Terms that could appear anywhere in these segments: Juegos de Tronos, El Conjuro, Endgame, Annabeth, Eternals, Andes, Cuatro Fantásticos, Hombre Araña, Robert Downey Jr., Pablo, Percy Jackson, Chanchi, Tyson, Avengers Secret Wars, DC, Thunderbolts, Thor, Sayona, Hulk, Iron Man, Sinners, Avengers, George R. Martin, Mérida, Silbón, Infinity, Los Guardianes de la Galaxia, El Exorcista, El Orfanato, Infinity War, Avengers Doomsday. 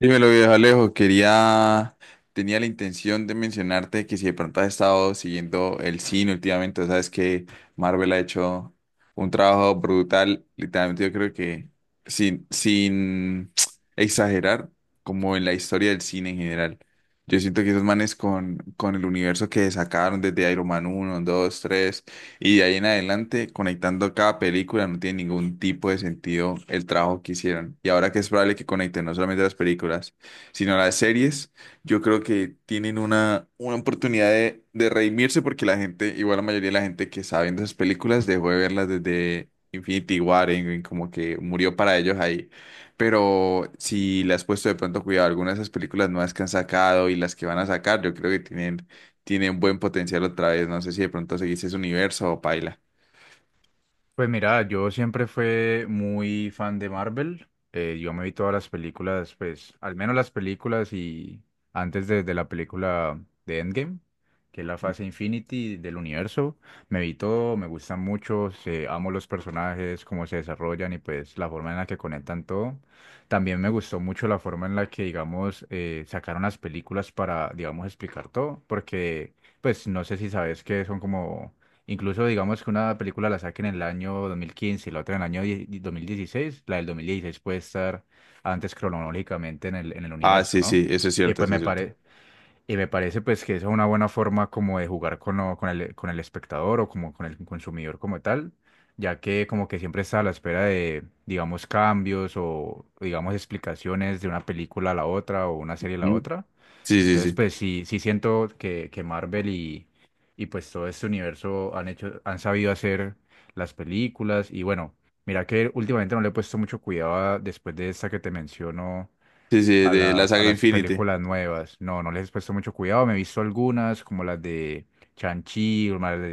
Dímelo, viejo Alejo, tenía la intención de mencionarte que si de pronto has estado siguiendo el cine últimamente, sabes que Marvel ha hecho un trabajo brutal. Literalmente yo creo que sin exagerar, como en la historia del cine en general. Yo siento que esos manes con el universo que sacaron desde Iron Man uno, dos, tres. Y de ahí en adelante, conectando cada película, no tiene ningún tipo de sentido el trabajo que hicieron. Y ahora que es probable que conecten no solamente las películas, sino las series, yo creo que tienen una oportunidad de redimirse, porque la gente, igual la mayoría de la gente que está viendo esas películas, dejó de verlas desde Infinity War, en como que murió para ellos ahí. Pero si le has puesto de pronto cuidado a algunas de esas películas nuevas que han sacado y las que van a sacar, yo creo que tiene un buen potencial otra vez. No sé si de pronto seguís ese universo o paila. Pues mira, yo siempre fui muy fan de Marvel. Yo me vi todas las películas, pues, al menos las películas y antes de la película de Endgame, que es la fase Infinity del universo. Me vi todo, me gustan mucho, amo los personajes, cómo se desarrollan y pues la forma en la que conectan todo. También me gustó mucho la forma en la que, digamos, sacaron las películas para, digamos, explicar todo, porque, pues, no sé si sabes que son como. Incluso digamos que una película la saquen en el año 2015 y la otra en el año 2016, la del 2016 puede estar antes cronológicamente en el Ah, universo, sí, ¿no? sí, eso es Y cierto, pues eso me es cierto. parece... Y me parece pues que esa es una buena forma como de jugar con con el espectador o como con el consumidor como tal, ya que como que siempre está a la espera de, digamos, cambios o digamos explicaciones de una película a la otra o una serie a la ¿Mm? otra. Sí, sí, Entonces sí. pues sí, sí siento que Marvel y pues todo este universo han hecho, han sabido hacer las películas y bueno, mira que últimamente no le he puesto mucho cuidado después de esta que te menciono Sí, sí, de la a saga las Infinity. películas nuevas. No, no les he puesto mucho cuidado. Me he visto algunas, como las de Chanchi o las de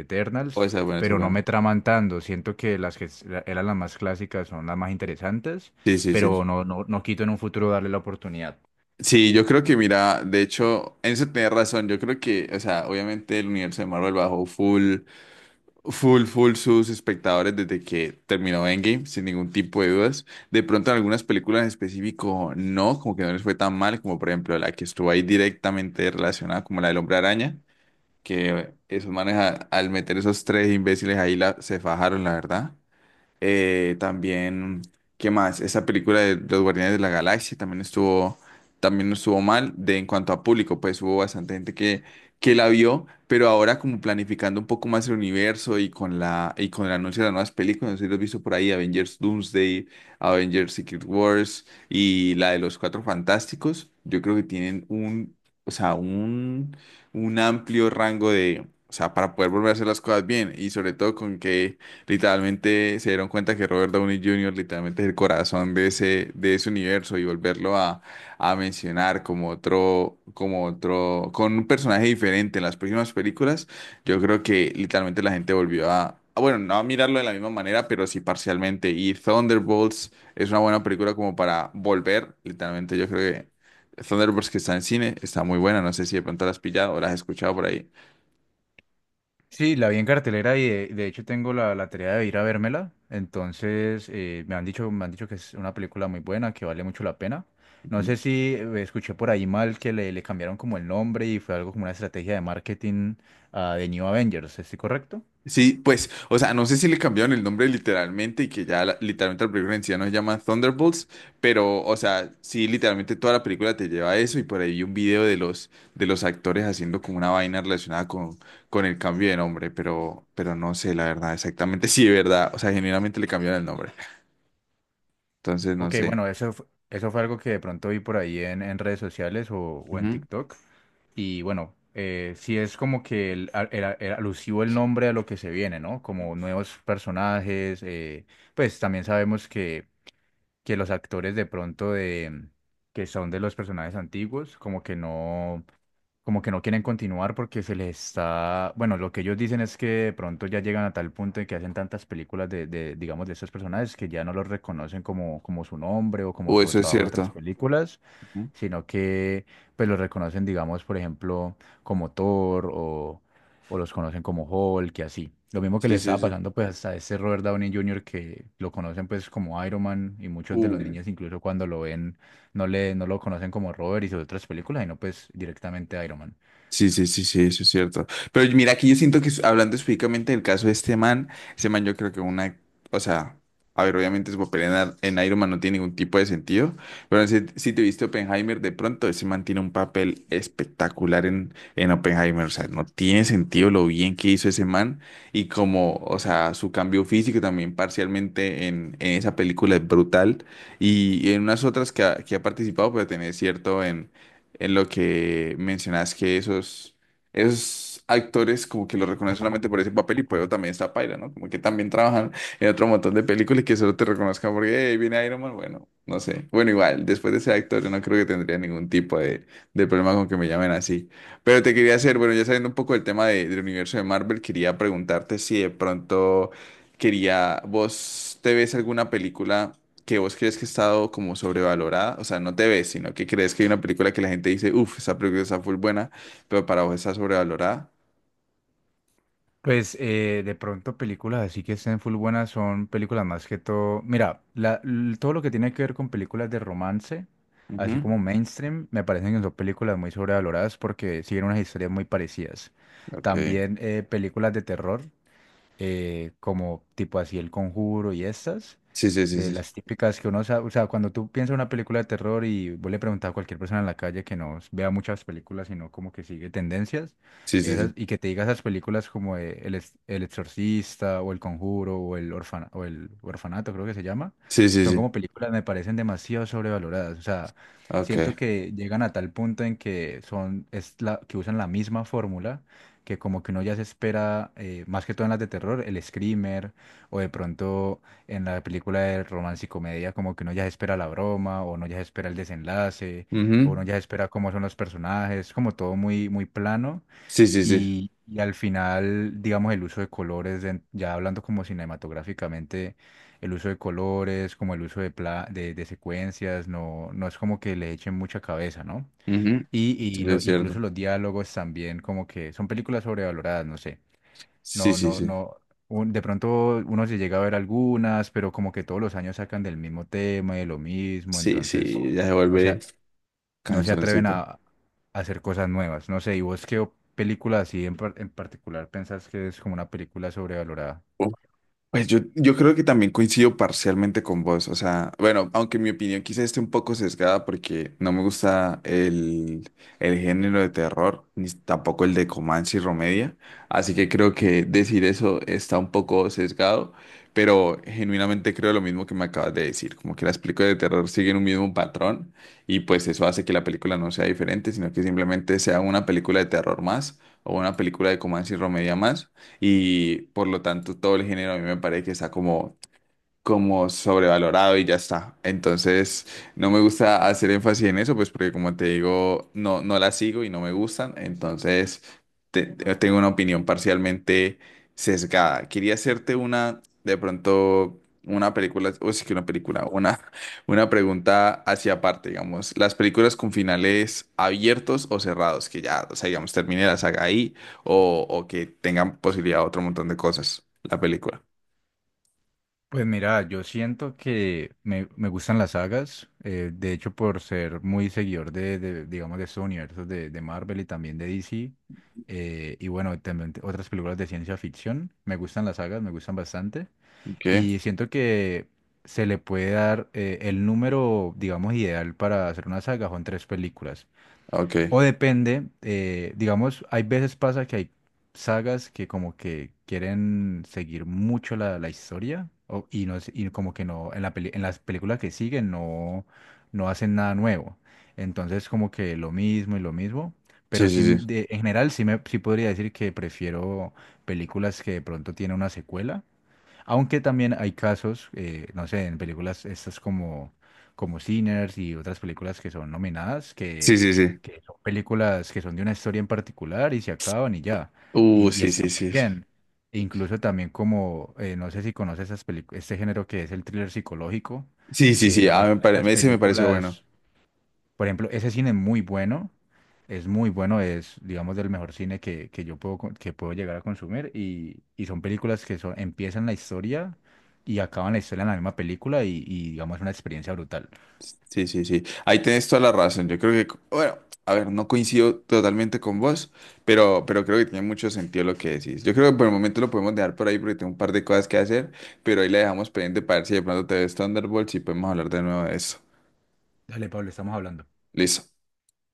O Eternals, esa es buena, esa es pero no buena. me traman tanto. Siento que las que eran las más clásicas son las más interesantes, Sí, sí, sí. pero no, no, no quito en un futuro darle la oportunidad. Sí, yo creo que, mira, de hecho, en eso tenés razón. Yo creo que, o sea, obviamente el universo de Marvel bajó full, full sus espectadores desde que terminó Endgame, sin ningún tipo de dudas. De pronto en algunas películas en específico, no, como que no les fue tan mal, como por ejemplo la que estuvo ahí directamente relacionada, como la del Hombre Araña. Que esos manes al meter esos tres imbéciles ahí la, se fajaron, la verdad. También, ¿qué más? Esa película de Los Guardianes de la Galaxia también estuvo, también no estuvo mal de en cuanto a público, pues hubo bastante gente que la vio. Pero ahora como planificando un poco más el universo y con el anuncio de las nuevas películas, no sé si lo has visto por ahí, Avengers Doomsday, Avengers Secret Wars y la de los Cuatro Fantásticos, yo creo que tienen un, o sea, un amplio rango de, o sea, para poder volver a hacer las cosas bien, y sobre todo con que literalmente se dieron cuenta que Robert Downey Jr. literalmente es el corazón de de ese universo, y volverlo a mencionar como otro, con un personaje diferente en las próximas películas. Yo creo que literalmente la gente volvió bueno, no a mirarlo de la misma manera, pero sí parcialmente. Y Thunderbolts es una buena película como para volver. Literalmente yo creo que Thunderbolts, que está en cine, está muy buena, no sé si de pronto la has pillado o la has escuchado por ahí. Sí, la vi en cartelera y de hecho tengo la tarea de ir a vérmela. Entonces, me han dicho que es una película muy buena, que vale mucho la pena. No sé si escuché por ahí mal que le cambiaron como el nombre y fue algo como una estrategia de marketing a The New Avengers, ¿estoy correcto? Sí, pues, o sea, no sé si le cambiaron el nombre literalmente y que ya literalmente la película en sí ya no se llama Thunderbolts, pero, o sea, sí, literalmente toda la película te lleva a eso y por ahí vi un video de de los actores haciendo como una vaina relacionada con el cambio de nombre, pero no sé, la verdad, exactamente, sí, de verdad, o sea, genuinamente le cambiaron el nombre, entonces no Ok, sé. bueno, eso, eso fue algo que de pronto vi por ahí en redes sociales o en Ujú. TikTok. Y bueno, sí es como que era alusivo el nombre a lo que se viene, ¿no? Como nuevos personajes, pues también sabemos que los actores que son de los personajes antiguos, como que no quieren continuar porque se les está, bueno, lo que ellos dicen es que de pronto ya llegan a tal punto en que hacen tantas películas digamos, de estos personajes que ya no los reconocen como, como su nombre o como O su eso es trabajo en otras cierto. películas, Ujú. sino que pues los reconocen, digamos, por ejemplo, como Thor o los conocen como Hulk y así. Lo mismo que le Sí, sí, estaba sí. pasando pues a ese Robert Downey Jr. que lo conocen pues como Iron Man y muchos de los Uh. niños incluso cuando lo ven no lo conocen como Robert y sus otras películas, sino pues directamente Iron Man. Sí, sí, sí, sí, eso es cierto. Pero mira, aquí yo siento que hablando específicamente del caso de este man yo creo que una, o sea, a ver, obviamente su papel en, en Iron Man no tiene ningún tipo de sentido, pero si, si te viste Oppenheimer, de pronto ese man tiene un papel espectacular en Oppenheimer, o sea, no tiene sentido lo bien que hizo ese man y como, o sea, su cambio físico también parcialmente en esa película es brutal y, en unas otras que ha participado, pero tiene cierto en lo que mencionas que esos actores como que los reconocen solamente por ese papel y por eso también está paila, ¿no? Como que también trabajan en otro montón de películas y que solo te reconozcan porque "Hey, viene Iron Man", bueno, no sé. Bueno, igual, después de ser actor yo no creo que tendría ningún tipo de problema con que me llamen así. Pero te quería hacer, bueno, ya sabiendo un poco del tema del universo de Marvel, quería preguntarte si de pronto vos te ves alguna película que vos crees que ha estado como sobrevalorada, o sea, no te ves, sino que crees que hay una película que la gente dice, uff, esa película está full buena, pero para vos está sobrevalorada. Pues de pronto películas así que estén full buenas son películas más que todo. Mira, todo lo que tiene que ver con películas de romance, así Ujú. como mainstream, me parecen que son películas muy sobrevaloradas porque siguen unas historias muy parecidas. Ok. También películas de terror. Como tipo así El Conjuro y estas, Sí, sí, sí, de sí. las típicas que uno sabe, o sea, cuando tú piensas en una película de terror y vos le preguntas a cualquier persona en la calle que no vea muchas películas, sino como que sigue tendencias, Sí, sí, sí. esas, y que te diga esas películas como El Exorcista o El Conjuro o o El Orfanato, creo que se llama, Sí, sí, son sí. como películas me parecen demasiado sobrevaloradas, o sea, Ok. siento que llegan a tal punto en que que usan la misma fórmula que como que uno ya se espera, más que todo en las de terror, el screamer, o de pronto en la película de romance y comedia, como que uno ya se espera la broma, o uno ya se espera el desenlace, o uno Ujú. ya se espera cómo son los personajes, como todo muy, muy plano, Sí, sí, sí. Y al final, digamos, el uso de colores, ya hablando como cinematográficamente, el uso de colores, como el uso de secuencias, no, no es como que le echen mucha cabeza, ¿no? Ujú. Sí, Y sí, lo, es incluso cierto. los diálogos también, como que son películas sobrevaloradas, no sé. Sí, No, sí, no, sí. no. De pronto uno se llega a ver algunas, pero como que todos los años sacan del mismo tema y de lo mismo, Sí, entonces sí, ya se no se, vuelve a- no se atreven cansoncito. a hacer cosas nuevas. No sé, ¿y vos qué película así en, en particular pensás que es como una película sobrevalorada? Pues yo creo que también coincido parcialmente con vos, o sea, bueno, aunque mi opinión quizás esté un poco sesgada porque no me gusta el género de terror, ni tampoco el de Comanche y Romedia, así que creo que decir eso está un poco sesgado, pero genuinamente creo lo mismo que me acabas de decir, como que las películas de terror siguen un mismo patrón y pues eso hace que la película no sea diferente, sino que simplemente sea una película de terror más o una película de Comanche y Romedia más, y por lo tanto todo el género a mí me parece que está como como sobrevalorado y ya está. Entonces, no me gusta hacer énfasis en eso, pues porque como te digo, no, no las sigo y no me gustan. Entonces, tengo una opinión parcialmente sesgada. Quería hacerte una, de pronto, una película, o sí que una película, una, una pregunta hacia aparte, digamos. Las películas con finales abiertos o cerrados, que ya, o sea, digamos, termine la saga ahí o que tengan posibilidad de otro montón de cosas, la película. Pues mira, yo siento que me gustan las sagas, de hecho por ser muy seguidor digamos, de estos universos de Marvel y también de DC, y bueno, también otras películas de ciencia ficción, me gustan las sagas, me gustan bastante, Qué y siento que se le puede dar el número, digamos, ideal para hacer una saga, son tres películas. ok. O depende, digamos, hay veces pasa que hay sagas que como que quieren seguir mucho la historia no, y como que no, en en las películas que siguen no, no hacen nada nuevo. Entonces como que lo mismo y lo mismo, Sí, pero sí, sí, sí. En general sí, sí podría decir que prefiero películas que de pronto tienen una secuela, aunque también hay casos, no sé, en películas estas como, como Sinners y otras películas que son nominadas, Sí, sí, sí. que son películas que son de una historia en particular y se acaban y ya. Y Sí, sí, está muy sí. bien. E incluso también como, no sé si conoces esas este género que es el thriller psicológico, Sí, sí, que sí. la Ah, mayoría de estas ese me pareció bueno. películas... Por ejemplo, ese cine es muy bueno, es muy bueno, es, digamos, del mejor cine que yo puedo, que puedo llegar a consumir y son películas que son, empiezan la historia y acaban la historia en la misma película y digamos, es una experiencia brutal. Sí, sí, sí. Ahí tenés toda la razón. Yo creo que, bueno, a ver, no coincido totalmente con vos, pero creo que tiene mucho sentido lo que decís. Yo creo que por el momento lo podemos dejar por ahí porque tengo un par de cosas que hacer, pero ahí la dejamos pendiente para ver si de pronto te ves Thunderbolts y podemos hablar de nuevo de eso. Dale, Pablo, estamos hablando. Listo.